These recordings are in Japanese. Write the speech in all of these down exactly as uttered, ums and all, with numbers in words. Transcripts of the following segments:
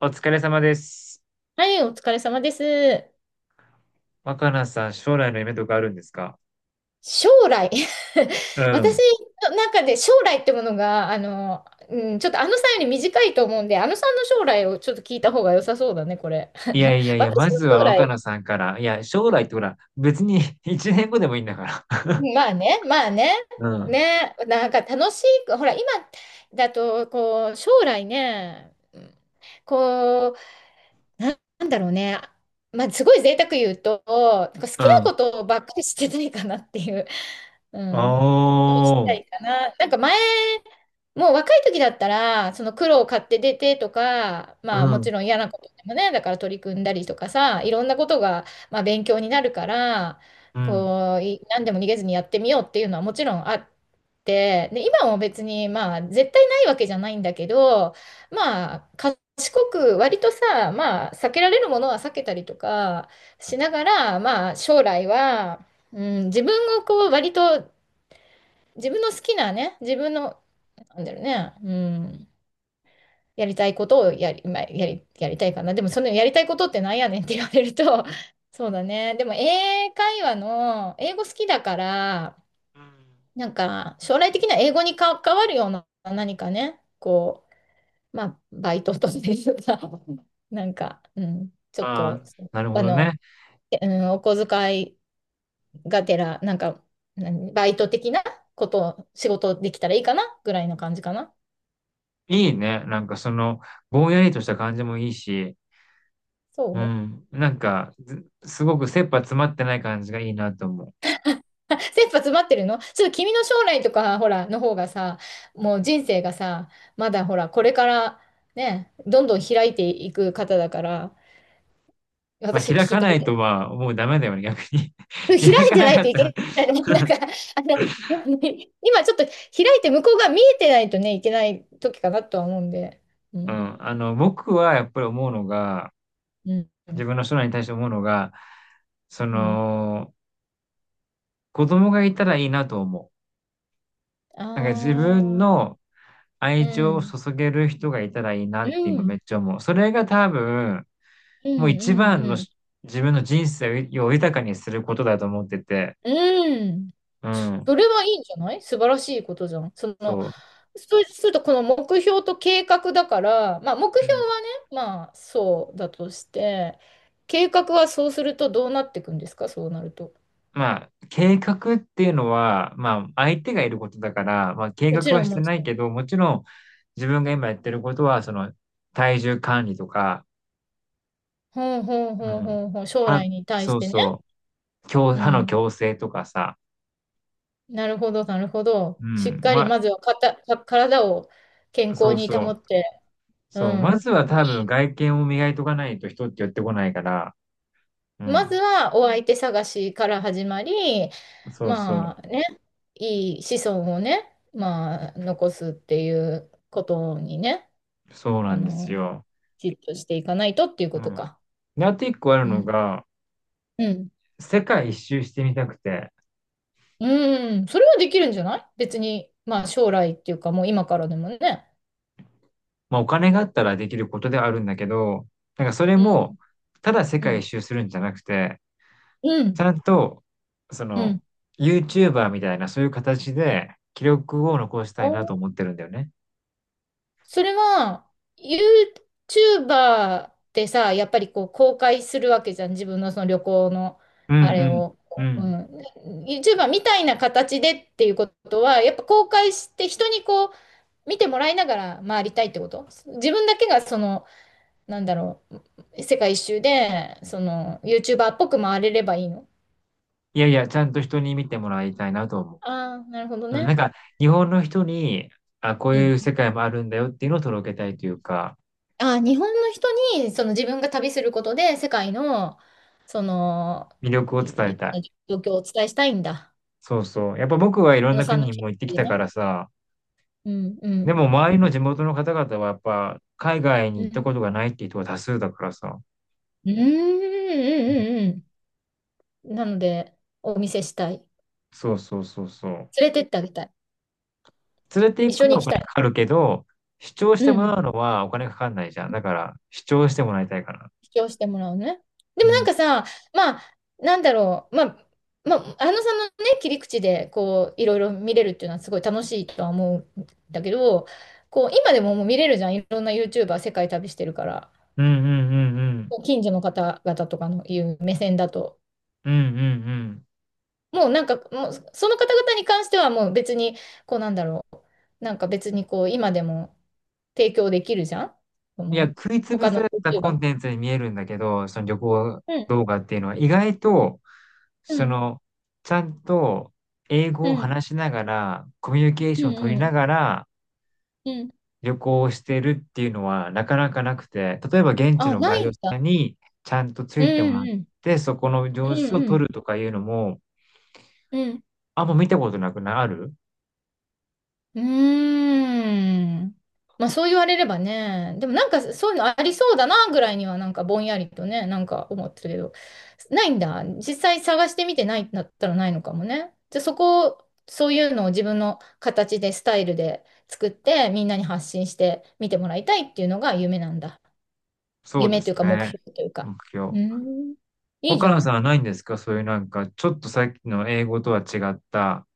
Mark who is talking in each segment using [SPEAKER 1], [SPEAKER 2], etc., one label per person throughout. [SPEAKER 1] お疲れ様です。
[SPEAKER 2] はい、お疲れ様です。
[SPEAKER 1] 若菜さん、将来の夢とかあるんですか？
[SPEAKER 2] 将来？
[SPEAKER 1] う
[SPEAKER 2] 私
[SPEAKER 1] ん。
[SPEAKER 2] の中で将来ってものが、あの、うん、ちょっとあのさんより短いと思うんで、あのさんの将来をちょっと聞いた方が良さそうだね、これ。
[SPEAKER 1] いやいや いや、ま
[SPEAKER 2] 私の
[SPEAKER 1] ず
[SPEAKER 2] 将
[SPEAKER 1] は若菜
[SPEAKER 2] 来、
[SPEAKER 1] さんから。いや、将来ってほら、別に いちねんごでもいいんだから。
[SPEAKER 2] まあね、まあね、
[SPEAKER 1] うん。
[SPEAKER 2] ね、なんか楽しい、ほら、今だと、こう、将来ね、うんこう、ななんだろうね、まあ、すごい贅沢言うと、なんか好
[SPEAKER 1] う
[SPEAKER 2] きな
[SPEAKER 1] ん。
[SPEAKER 2] ことばっかりしてないかなっていう。う
[SPEAKER 1] お
[SPEAKER 2] ん。をした
[SPEAKER 1] ー。
[SPEAKER 2] いかな。なんか前、もう若い時だったら、その苦労を買って出てとか、
[SPEAKER 1] う
[SPEAKER 2] まあも
[SPEAKER 1] ん。
[SPEAKER 2] ちろん嫌なことでもね、だから取り組んだりとかさ、いろんなことが、まあ、勉強になるから、
[SPEAKER 1] うん。
[SPEAKER 2] こう、い何でも逃げずにやってみようっていうのはもちろんあって、で、今も別にまあ絶対ないわけじゃないんだけど、まあ賢く割とさ、まあ避けられるものは避けたりとかしながら、まあ将来は、うん、自分をこう割と自分の好きなね、自分の、なんだろうね、うん、やりたいことをやり、まあ、やり、やりたいかな。でも、そのやりたいことってなんやねんって 言われると、そうだね。でも、英会話の、英語好きだから、なんか、将来的な英語に関わるような何かね、こう、まあ、バイトとしてさ、なんか、うん、ちょっ
[SPEAKER 1] あ
[SPEAKER 2] と、
[SPEAKER 1] あ、なるほ
[SPEAKER 2] あ
[SPEAKER 1] ど
[SPEAKER 2] の、
[SPEAKER 1] ね。
[SPEAKER 2] うん、お小遣いがてら、なんか、何バイト的なことを仕事できたらいいかなぐらいな感じかな。
[SPEAKER 1] いいね。なんかその、ぼんやりとした感じもいいし、
[SPEAKER 2] そ
[SPEAKER 1] う
[SPEAKER 2] う。
[SPEAKER 1] ん。なんか、ずすごく切羽詰まってない感じがいいなと思う。
[SPEAKER 2] あ、切羽詰まってるのちょっと君の将来とか、ほら、の方がさ、もう人生がさ、まだほら、これからね、どんどん開いていく方だから、
[SPEAKER 1] まあ、
[SPEAKER 2] 私聞
[SPEAKER 1] 開
[SPEAKER 2] き
[SPEAKER 1] か
[SPEAKER 2] た
[SPEAKER 1] な
[SPEAKER 2] い
[SPEAKER 1] い
[SPEAKER 2] けど、
[SPEAKER 1] とはもうダメだよね、逆に。
[SPEAKER 2] 開い
[SPEAKER 1] 開か
[SPEAKER 2] て
[SPEAKER 1] な
[SPEAKER 2] ない
[SPEAKER 1] か
[SPEAKER 2] と
[SPEAKER 1] っ
[SPEAKER 2] い
[SPEAKER 1] たら。
[SPEAKER 2] けないの。なんか、あの、今ちょっと開いて向こうが見えてないとね、いけない時かなとは思うんで。う
[SPEAKER 1] う
[SPEAKER 2] ん。
[SPEAKER 1] ん。あの、僕はやっぱり思うのが、
[SPEAKER 2] うん。
[SPEAKER 1] 自分の将来に対して思うのが、そ
[SPEAKER 2] うん。
[SPEAKER 1] の、子供がいたらいいなと思
[SPEAKER 2] あ
[SPEAKER 1] う。なんか自分
[SPEAKER 2] あー。
[SPEAKER 1] の
[SPEAKER 2] う
[SPEAKER 1] 愛情を
[SPEAKER 2] ん。
[SPEAKER 1] 注げる人がいたらいいな
[SPEAKER 2] う
[SPEAKER 1] って今め
[SPEAKER 2] ん。
[SPEAKER 1] っちゃ思う。それが多分、
[SPEAKER 2] う
[SPEAKER 1] もう一
[SPEAKER 2] ん。
[SPEAKER 1] 番
[SPEAKER 2] う
[SPEAKER 1] の
[SPEAKER 2] ん。
[SPEAKER 1] し自分の人生を豊かにすることだと思ってて、
[SPEAKER 2] うん。うん。
[SPEAKER 1] う
[SPEAKER 2] そ
[SPEAKER 1] ん、
[SPEAKER 2] れはいいんじゃない？素晴らしいことじゃん。その、
[SPEAKER 1] そう。
[SPEAKER 2] そうすると、この目標と計画だから、まあ、目標
[SPEAKER 1] うん。
[SPEAKER 2] はね、まあ、そうだとして、計画はそうするとどうなっていくんですか、そうなると。
[SPEAKER 1] まあ、計画っていうのは、まあ、相手がいることだから、まあ、計
[SPEAKER 2] も
[SPEAKER 1] 画
[SPEAKER 2] ち
[SPEAKER 1] は
[SPEAKER 2] ろん、
[SPEAKER 1] して
[SPEAKER 2] もち
[SPEAKER 1] ない
[SPEAKER 2] ろん。
[SPEAKER 1] けど、もちろん自分が今やってることは、その、体重管理とか、
[SPEAKER 2] ほんほん
[SPEAKER 1] う
[SPEAKER 2] ほん
[SPEAKER 1] ん。
[SPEAKER 2] ほんほん、将
[SPEAKER 1] 歯、
[SPEAKER 2] 来に対し
[SPEAKER 1] そう
[SPEAKER 2] てね。
[SPEAKER 1] そう。矯
[SPEAKER 2] う
[SPEAKER 1] 歯の
[SPEAKER 2] ん。
[SPEAKER 1] 矯正とかさ。
[SPEAKER 2] なるほど、なるほど。
[SPEAKER 1] う
[SPEAKER 2] しっ
[SPEAKER 1] ん。
[SPEAKER 2] かり、
[SPEAKER 1] ま、
[SPEAKER 2] まずはかた、か、体を健康
[SPEAKER 1] そう
[SPEAKER 2] に
[SPEAKER 1] そう。
[SPEAKER 2] 保って、
[SPEAKER 1] そ
[SPEAKER 2] う
[SPEAKER 1] う。まず
[SPEAKER 2] ん。
[SPEAKER 1] は多分外見を磨いとかないと人って寄ってこないから。う
[SPEAKER 2] まず
[SPEAKER 1] ん。
[SPEAKER 2] はお相手探しから始まり、
[SPEAKER 1] そうそう。
[SPEAKER 2] まあね、いい子孫をね、まあ残すっていうことにね、
[SPEAKER 1] そうな
[SPEAKER 2] あ
[SPEAKER 1] んです
[SPEAKER 2] の、
[SPEAKER 1] よ。
[SPEAKER 2] きちっとしていかないとっていう
[SPEAKER 1] う
[SPEAKER 2] こと
[SPEAKER 1] ん。
[SPEAKER 2] か。
[SPEAKER 1] で、あと一個ある
[SPEAKER 2] う
[SPEAKER 1] の
[SPEAKER 2] ん。
[SPEAKER 1] が、
[SPEAKER 2] うん。
[SPEAKER 1] 世界一周してみたくて。
[SPEAKER 2] うん。それはできるんじゃない？別に、まあ将来っていうかもう今からでもね。
[SPEAKER 1] まあお金があったらできることではあるんだけど、なんかそれ
[SPEAKER 2] う
[SPEAKER 1] も、
[SPEAKER 2] ん。
[SPEAKER 1] ただ世
[SPEAKER 2] う
[SPEAKER 1] 界一
[SPEAKER 2] ん。
[SPEAKER 1] 周するんじゃなくて、
[SPEAKER 2] う
[SPEAKER 1] ち
[SPEAKER 2] ん。
[SPEAKER 1] ゃんと、そ
[SPEAKER 2] う
[SPEAKER 1] の、
[SPEAKER 2] ん。
[SPEAKER 1] YouTuber みたいなそういう形で記録を残したいなと思ってるんだよね。
[SPEAKER 2] それは、YouTuber ってさ、やっぱりこう公開するわけじゃん。自分のその旅行の
[SPEAKER 1] う
[SPEAKER 2] あれ
[SPEAKER 1] ん
[SPEAKER 2] を。
[SPEAKER 1] うん。う
[SPEAKER 2] う
[SPEAKER 1] ん。
[SPEAKER 2] ん。YouTuber みたいな形でっていうことは、やっぱ公開して人にこう見てもらいながら回りたいってこと？自分だけがその、なんだろう、世界一周で、その YouTuber っぽく回れればいいの？
[SPEAKER 1] いやいや、ちゃんと人に見てもらいたいなと思
[SPEAKER 2] ああー、なるほど
[SPEAKER 1] う。うん、なん
[SPEAKER 2] ね。
[SPEAKER 1] か、日本の人に、あ、こう
[SPEAKER 2] う
[SPEAKER 1] い
[SPEAKER 2] ん。
[SPEAKER 1] う世界もあるんだよっていうのを届けたいというか、
[SPEAKER 2] あ、日本の人に、その自分が旅することで、世界の、その、
[SPEAKER 1] 魅力を伝
[SPEAKER 2] い、
[SPEAKER 1] え
[SPEAKER 2] いろ
[SPEAKER 1] た
[SPEAKER 2] ん
[SPEAKER 1] い。
[SPEAKER 2] な状況をお伝えしたいんだ。
[SPEAKER 1] そうそう。やっぱ僕はいろん
[SPEAKER 2] あの
[SPEAKER 1] な
[SPEAKER 2] さん
[SPEAKER 1] 国
[SPEAKER 2] の
[SPEAKER 1] に
[SPEAKER 2] 気持
[SPEAKER 1] も行ってき
[SPEAKER 2] ちで
[SPEAKER 1] たか
[SPEAKER 2] ね。
[SPEAKER 1] らさ、
[SPEAKER 2] うん、う
[SPEAKER 1] で
[SPEAKER 2] ん、
[SPEAKER 1] も周りの地元の方々はやっぱ海外に
[SPEAKER 2] う
[SPEAKER 1] 行った
[SPEAKER 2] ん。
[SPEAKER 1] ことがないっていう人が多数だからさ。
[SPEAKER 2] うん、うん、
[SPEAKER 1] うん。
[SPEAKER 2] うん、うん。なので、お見せしたい。
[SPEAKER 1] そうそうそうそう。
[SPEAKER 2] 連れてってあげたい。
[SPEAKER 1] 連れて行
[SPEAKER 2] 一
[SPEAKER 1] く
[SPEAKER 2] 緒
[SPEAKER 1] の
[SPEAKER 2] に
[SPEAKER 1] は
[SPEAKER 2] 行
[SPEAKER 1] お
[SPEAKER 2] きた
[SPEAKER 1] 金
[SPEAKER 2] い。
[SPEAKER 1] かかるけど、主張して
[SPEAKER 2] う
[SPEAKER 1] もら
[SPEAKER 2] ん。
[SPEAKER 1] うのはお金かかんないじゃん。だから、主張してもらいたいかな。
[SPEAKER 2] 主張してもらうね。で
[SPEAKER 1] う
[SPEAKER 2] もなん
[SPEAKER 1] ん。
[SPEAKER 2] かさ、まあ、なんだろう、まあ、まあ、あのさんのね、切り口で、こう、いろいろ見れるっていうのはすごい楽しいとは思うんだけど、こう、今でももう見れるじゃん。いろんな YouTuber 世界旅してるから、
[SPEAKER 1] うんうんうんうん。
[SPEAKER 2] こう近所の方々とかのいう目線だと、
[SPEAKER 1] うんうんうん。
[SPEAKER 2] もうなんか、もうその方々に関してはもう別に、こうなんだろう、なんか別にこう、今でも提供できるじゃん。そ
[SPEAKER 1] いや、
[SPEAKER 2] の
[SPEAKER 1] 食いつぶ
[SPEAKER 2] 他の
[SPEAKER 1] されたコン
[SPEAKER 2] YouTuber。
[SPEAKER 1] テンツに見えるんだけど、その旅行
[SPEAKER 2] うん、
[SPEAKER 1] 動画っていうのは意外と、
[SPEAKER 2] う
[SPEAKER 1] そ
[SPEAKER 2] ん、
[SPEAKER 1] の、ちゃんと英語
[SPEAKER 2] う
[SPEAKER 1] を
[SPEAKER 2] ん、
[SPEAKER 1] 話しながら、コミュニケー
[SPEAKER 2] う
[SPEAKER 1] シ
[SPEAKER 2] ん、
[SPEAKER 1] ョンを取り
[SPEAKER 2] う
[SPEAKER 1] な
[SPEAKER 2] ん、
[SPEAKER 1] がら
[SPEAKER 2] うん。
[SPEAKER 1] 旅行をしてるっていうのはなかなかなくて、例えば現地
[SPEAKER 2] あ、
[SPEAKER 1] の
[SPEAKER 2] な
[SPEAKER 1] ガ
[SPEAKER 2] い
[SPEAKER 1] イド
[SPEAKER 2] ん
[SPEAKER 1] さん
[SPEAKER 2] だ。
[SPEAKER 1] にちゃんとつ
[SPEAKER 2] う
[SPEAKER 1] いても
[SPEAKER 2] ん
[SPEAKER 1] らっ
[SPEAKER 2] うん。
[SPEAKER 1] て、そこの
[SPEAKER 2] う
[SPEAKER 1] 様子を
[SPEAKER 2] んう
[SPEAKER 1] 撮
[SPEAKER 2] ん。
[SPEAKER 1] るとかいうのも、
[SPEAKER 2] うん。
[SPEAKER 1] あんま見たことなくなる。
[SPEAKER 2] うーん。まあそう言われればね。でもなんかそういうのありそうだなぐらいにはなんかぼんやりとね、なんか思ってるけど。ないんだ。実際探してみてないんだったらないのかもね。じゃあそこを、そういうのを自分の形で、スタイルで作って、みんなに発信して見てもらいたいっていうのが夢なんだ。
[SPEAKER 1] そうで
[SPEAKER 2] 夢という
[SPEAKER 1] す
[SPEAKER 2] か目
[SPEAKER 1] ね。
[SPEAKER 2] 標というか。
[SPEAKER 1] 目
[SPEAKER 2] うー
[SPEAKER 1] 標。
[SPEAKER 2] ん。いいじ
[SPEAKER 1] 若
[SPEAKER 2] ゃ
[SPEAKER 1] 菜さん
[SPEAKER 2] ん。
[SPEAKER 1] はないんですか？そういうなんか、ちょっとさっきの英語とは違った、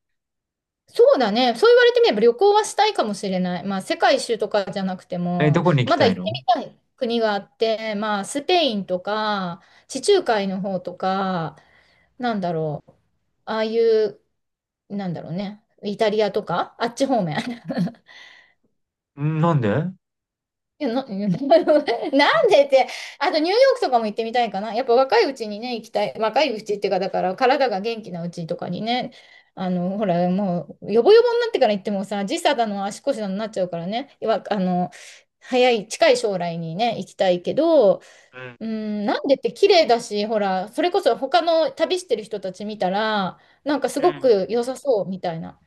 [SPEAKER 2] そうだね。そう言われてみれば旅行はしたいかもしれない。まあ、世界一周とかじゃなくて
[SPEAKER 1] え、ど
[SPEAKER 2] も、
[SPEAKER 1] こに行き
[SPEAKER 2] まだ
[SPEAKER 1] たい
[SPEAKER 2] 行って
[SPEAKER 1] の？
[SPEAKER 2] みたい国があって、まあ、スペインとか、地中海の方とか、なんだろう。ああいう、なんだろうね。イタリアとか、あっち方面。
[SPEAKER 1] んなんで？うん。
[SPEAKER 2] いや、な、なんでって、あとニューヨークとかも行ってみたいかな。やっぱ若いうちにね、行きたい。若いうちっていうか、だから体が元気なうちとかにね、あの、ほら、もう、ヨボヨボになってから行ってもさ、時差だの足腰だのなっちゃうからね、わあの、早い、近い将来にね、行きたいけど、うん、なんでって綺麗だし、ほら、それこそ他の旅してる人たち見たら、なんかす
[SPEAKER 1] う
[SPEAKER 2] ご
[SPEAKER 1] ん。
[SPEAKER 2] く良さそうみたいな。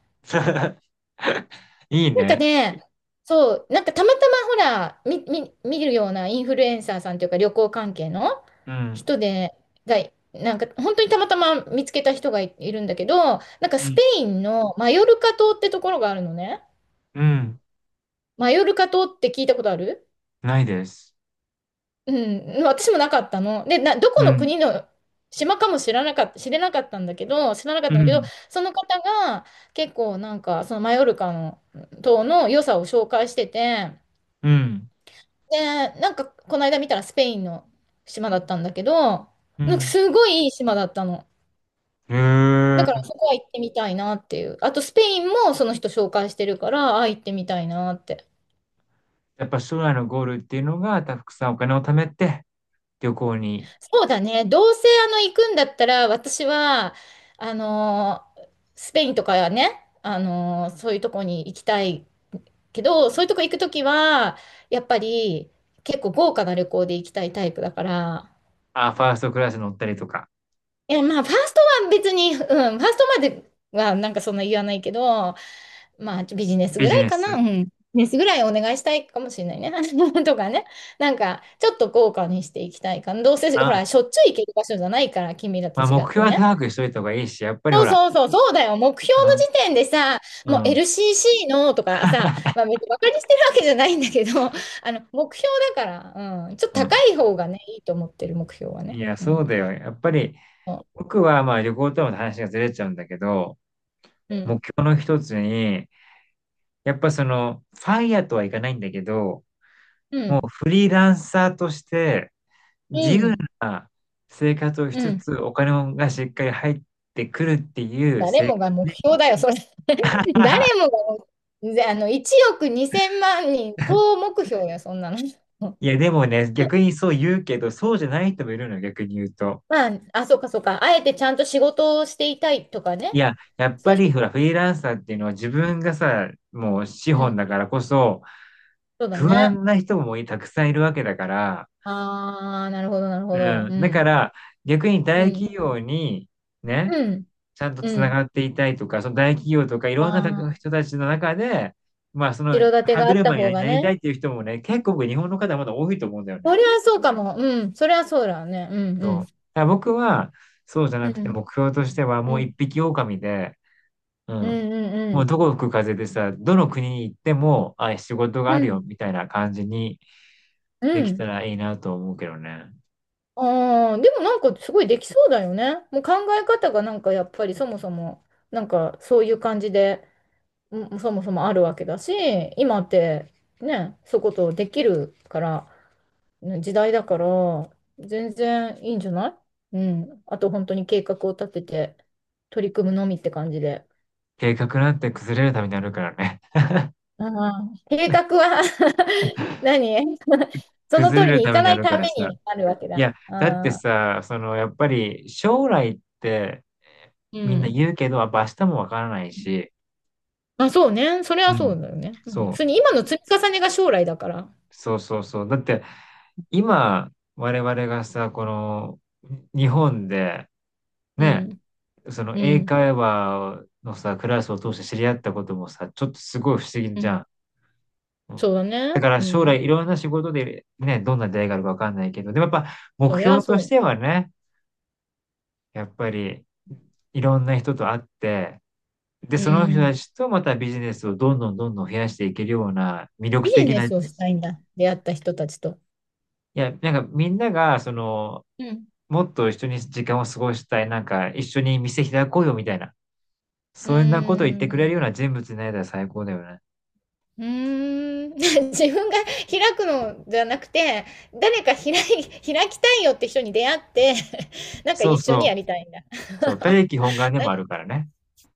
[SPEAKER 1] いい
[SPEAKER 2] なんか
[SPEAKER 1] ね。
[SPEAKER 2] ね、そう、なんかたまたまほら、み、み、見るようなインフルエンサーさんというか旅行関係の
[SPEAKER 1] うん。
[SPEAKER 2] 人で、が、なんか本当にたまたま見つけた人がい、いるんだけど、なんか
[SPEAKER 1] う
[SPEAKER 2] ス
[SPEAKER 1] ん。
[SPEAKER 2] ペインのマヨルカ島ってところがあるのね。
[SPEAKER 1] うん。
[SPEAKER 2] マヨルカ島って聞いたことある？
[SPEAKER 1] ないです。
[SPEAKER 2] うん、私もなかったの。で、な、どこ
[SPEAKER 1] う
[SPEAKER 2] の
[SPEAKER 1] ん。
[SPEAKER 2] 国の島かも知らなかった、知れなかったんだけど、知らなかっ
[SPEAKER 1] う
[SPEAKER 2] たんだけど、
[SPEAKER 1] ん。
[SPEAKER 2] その方が結構なんかそのマヨルカの島の良さを紹介してて、
[SPEAKER 1] うん。
[SPEAKER 2] で、なんか、この間見たらスペインの島だったんだけど、
[SPEAKER 1] う
[SPEAKER 2] なんか
[SPEAKER 1] ん。
[SPEAKER 2] すごいいい島だったの。
[SPEAKER 1] へ
[SPEAKER 2] だから
[SPEAKER 1] え。
[SPEAKER 2] そこは行ってみたいなっていう。あとスペインもその人紹介してるから、あ、行ってみたいなって。
[SPEAKER 1] やっぱ将来のゴールっていうのが、たくさんお金を貯めて、旅行に、
[SPEAKER 2] そうだね。どうせあの行くんだったら、私は、あのー、スペインとかね、あのーそういうとこに行きたいけど、そういうとこ行くときは、やっぱり結構豪華な旅行で行きたいタイプだから、
[SPEAKER 1] あ、ファーストクラス乗ったりとか、
[SPEAKER 2] いや、まあ、ファーストは別に、うん、ファーストまではなんかそんな言わないけど、まあ、ビジネス
[SPEAKER 1] ビ
[SPEAKER 2] ぐ
[SPEAKER 1] ジ
[SPEAKER 2] らい
[SPEAKER 1] ネ
[SPEAKER 2] か
[SPEAKER 1] ス。
[SPEAKER 2] な、うん。ビジネスぐらいお願いしたいかもしれないね。とかね。なんか、ちょっと豪華にしていきたいかな。どうせ、ほ
[SPEAKER 1] あ、
[SPEAKER 2] ら、しょっちゅう行ける場所じゃないから、君ら
[SPEAKER 1] ま
[SPEAKER 2] と
[SPEAKER 1] あ、
[SPEAKER 2] 違
[SPEAKER 1] 目
[SPEAKER 2] って
[SPEAKER 1] 標は
[SPEAKER 2] ね。
[SPEAKER 1] 高くしといた方がいいし、やっぱりほ
[SPEAKER 2] そう
[SPEAKER 1] ら、
[SPEAKER 2] そうそう、そうだよ。目標
[SPEAKER 1] うん。
[SPEAKER 2] の時点でさ、
[SPEAKER 1] う
[SPEAKER 2] もう
[SPEAKER 1] ん。
[SPEAKER 2] エルシーシー のとかさ、まあ、別にバカにしてるわけじゃないんだけど、あの、目標だから、うん、ちょっ
[SPEAKER 1] う
[SPEAKER 2] と高
[SPEAKER 1] ん。
[SPEAKER 2] い方がね、いいと思ってる、目標は
[SPEAKER 1] い
[SPEAKER 2] ね。
[SPEAKER 1] や、
[SPEAKER 2] う
[SPEAKER 1] そ
[SPEAKER 2] ん。
[SPEAKER 1] うだよ。やっぱり、
[SPEAKER 2] そ
[SPEAKER 1] 僕はまあ旅行との話がずれちゃうんだけど、
[SPEAKER 2] う。うん。
[SPEAKER 1] 目標の一つに、やっぱその、ファイヤーとはいかないんだけど、
[SPEAKER 2] う
[SPEAKER 1] も
[SPEAKER 2] ん。
[SPEAKER 1] うフリーランサーとして自
[SPEAKER 2] う
[SPEAKER 1] 由
[SPEAKER 2] ん。
[SPEAKER 1] な生活をし
[SPEAKER 2] う
[SPEAKER 1] つ
[SPEAKER 2] ん。
[SPEAKER 1] つ、お金もがしっかり入ってくるっていう
[SPEAKER 2] 誰
[SPEAKER 1] 生活
[SPEAKER 2] もが目
[SPEAKER 1] で
[SPEAKER 2] 標
[SPEAKER 1] も、
[SPEAKER 2] だよ、それ。誰 もが、ぜあの、いちおくにせんまん人、総目標よ、そんなの。
[SPEAKER 1] いやでもね、逆にそう言うけど、そうじゃない人もいるのよ、逆に言うと。
[SPEAKER 2] まあ、あ、そうか、そうか。あえてちゃんと仕事をしていたいとか
[SPEAKER 1] い
[SPEAKER 2] ね。
[SPEAKER 1] や、やっ
[SPEAKER 2] そ
[SPEAKER 1] ぱ
[SPEAKER 2] ういう
[SPEAKER 1] り
[SPEAKER 2] 人、
[SPEAKER 1] ほら、フリーランサーっていうのは自分がさ、もう資
[SPEAKER 2] う
[SPEAKER 1] 本だ
[SPEAKER 2] ん。
[SPEAKER 1] からこそ、
[SPEAKER 2] そうだ
[SPEAKER 1] 不
[SPEAKER 2] ね。
[SPEAKER 1] 安な人もたくさんいるわけだから、
[SPEAKER 2] ああ、なるほど、なるほど。
[SPEAKER 1] うん。
[SPEAKER 2] う
[SPEAKER 1] だか
[SPEAKER 2] ん。
[SPEAKER 1] ら、逆に
[SPEAKER 2] う
[SPEAKER 1] 大企
[SPEAKER 2] ん。
[SPEAKER 1] 業に、ね、
[SPEAKER 2] うん。
[SPEAKER 1] ちゃんとつ
[SPEAKER 2] う
[SPEAKER 1] な
[SPEAKER 2] ん。
[SPEAKER 1] がっていたいとか、その大企業とかい
[SPEAKER 2] あ
[SPEAKER 1] ろん
[SPEAKER 2] あ、
[SPEAKER 1] な人たちの中で、まあそ
[SPEAKER 2] 後
[SPEAKER 1] の
[SPEAKER 2] ろ盾
[SPEAKER 1] 歯
[SPEAKER 2] があった
[SPEAKER 1] 車
[SPEAKER 2] 方
[SPEAKER 1] に
[SPEAKER 2] が
[SPEAKER 1] なりたい
[SPEAKER 2] ね。
[SPEAKER 1] っていう人もね、結構僕日本の方まだ多いと思うんだよね。
[SPEAKER 2] それはそうかも。うん。それはそうだよね。うん、う
[SPEAKER 1] そう。だ
[SPEAKER 2] ん。
[SPEAKER 1] から僕はそうじゃ
[SPEAKER 2] う
[SPEAKER 1] なくて
[SPEAKER 2] ん。
[SPEAKER 1] 目標としてはも
[SPEAKER 2] う
[SPEAKER 1] う
[SPEAKER 2] ん。
[SPEAKER 1] 一匹狼で、う
[SPEAKER 2] う
[SPEAKER 1] ん。
[SPEAKER 2] ん、うん、う
[SPEAKER 1] もう
[SPEAKER 2] ん。
[SPEAKER 1] どこ吹く風でさ、どの国に行っても、あ、仕事が
[SPEAKER 2] う
[SPEAKER 1] ある
[SPEAKER 2] ん。
[SPEAKER 1] よみたいな感じに
[SPEAKER 2] う
[SPEAKER 1] できた
[SPEAKER 2] ん。
[SPEAKER 1] らいいなと思うけどね。
[SPEAKER 2] ああ、でもなんかすごいできそうだよね。もう考え方がなんかやっぱりそもそも、なんかそういう感じで、うん、そもそもあるわけだし、今ってね、そういうことできるから、ね、時代だから、全然いいんじゃない？うん。あと本当に計画を立てて、取り組むのみって感じで。
[SPEAKER 1] 計画なんて崩れるためにあるからね。
[SPEAKER 2] ああ、計画は 何？ その
[SPEAKER 1] 崩
[SPEAKER 2] 通り
[SPEAKER 1] れる
[SPEAKER 2] にい
[SPEAKER 1] ため
[SPEAKER 2] か
[SPEAKER 1] に
[SPEAKER 2] な
[SPEAKER 1] あ
[SPEAKER 2] い
[SPEAKER 1] るか
[SPEAKER 2] た
[SPEAKER 1] ら
[SPEAKER 2] め
[SPEAKER 1] さ。
[SPEAKER 2] にあるわけ
[SPEAKER 1] い
[SPEAKER 2] だ。
[SPEAKER 1] や、
[SPEAKER 2] あ
[SPEAKER 1] だって
[SPEAKER 2] あ、
[SPEAKER 1] さ、そのやっぱり将来って、
[SPEAKER 2] う
[SPEAKER 1] みんな
[SPEAKER 2] ん。
[SPEAKER 1] 言うけど、やっぱ明日もわからないし、
[SPEAKER 2] あ、そうね。それは
[SPEAKER 1] う
[SPEAKER 2] そ
[SPEAKER 1] ん。
[SPEAKER 2] うだよね。うん、普
[SPEAKER 1] そ
[SPEAKER 2] 通
[SPEAKER 1] う、
[SPEAKER 2] に今の積み重ねが将来だから。
[SPEAKER 1] そうそうそう。だって、今、我々がさ、この、日本で、
[SPEAKER 2] う
[SPEAKER 1] ね、
[SPEAKER 2] ん、
[SPEAKER 1] その
[SPEAKER 2] う
[SPEAKER 1] 英
[SPEAKER 2] ん、
[SPEAKER 1] 会話のさ、クラスを通して知り合ったこともさ、ちょっとすごい不思議
[SPEAKER 2] う
[SPEAKER 1] じゃ
[SPEAKER 2] ん、
[SPEAKER 1] ん。う
[SPEAKER 2] そう
[SPEAKER 1] ん。
[SPEAKER 2] だ
[SPEAKER 1] だ
[SPEAKER 2] ね。
[SPEAKER 1] から
[SPEAKER 2] う
[SPEAKER 1] 将
[SPEAKER 2] ん、
[SPEAKER 1] 来いろんな仕事でね、どんな出会いがあるかわかんないけど、でもやっぱ目
[SPEAKER 2] それは
[SPEAKER 1] 標とし
[SPEAKER 2] そ
[SPEAKER 1] てはね、やっぱりいろんな人と会って、で、
[SPEAKER 2] う。う
[SPEAKER 1] その人た
[SPEAKER 2] ん、
[SPEAKER 1] ちとまたビジネスをどんどんどんどん増やしていけるような魅
[SPEAKER 2] ビ
[SPEAKER 1] 力
[SPEAKER 2] ジ
[SPEAKER 1] 的
[SPEAKER 2] ネ
[SPEAKER 1] な、い
[SPEAKER 2] スをしたいんだ。出会った人たちと。
[SPEAKER 1] や、なんかみんなが、その、
[SPEAKER 2] うん、
[SPEAKER 1] もっと一緒に時間を過ごしたい、なんか一緒に店開こうよみたいな、
[SPEAKER 2] う
[SPEAKER 1] そんなことを言っ
[SPEAKER 2] ー
[SPEAKER 1] てくれるような
[SPEAKER 2] ん、
[SPEAKER 1] 人物になれたら最高だよね。
[SPEAKER 2] うーん。 自分が開くのじゃなくて、誰か開い、開きたいよって人に出会って、なんか
[SPEAKER 1] そう
[SPEAKER 2] 一緒
[SPEAKER 1] そう。
[SPEAKER 2] にやりたいんだ。
[SPEAKER 1] そう、他力本願 で
[SPEAKER 2] な
[SPEAKER 1] もあるからね。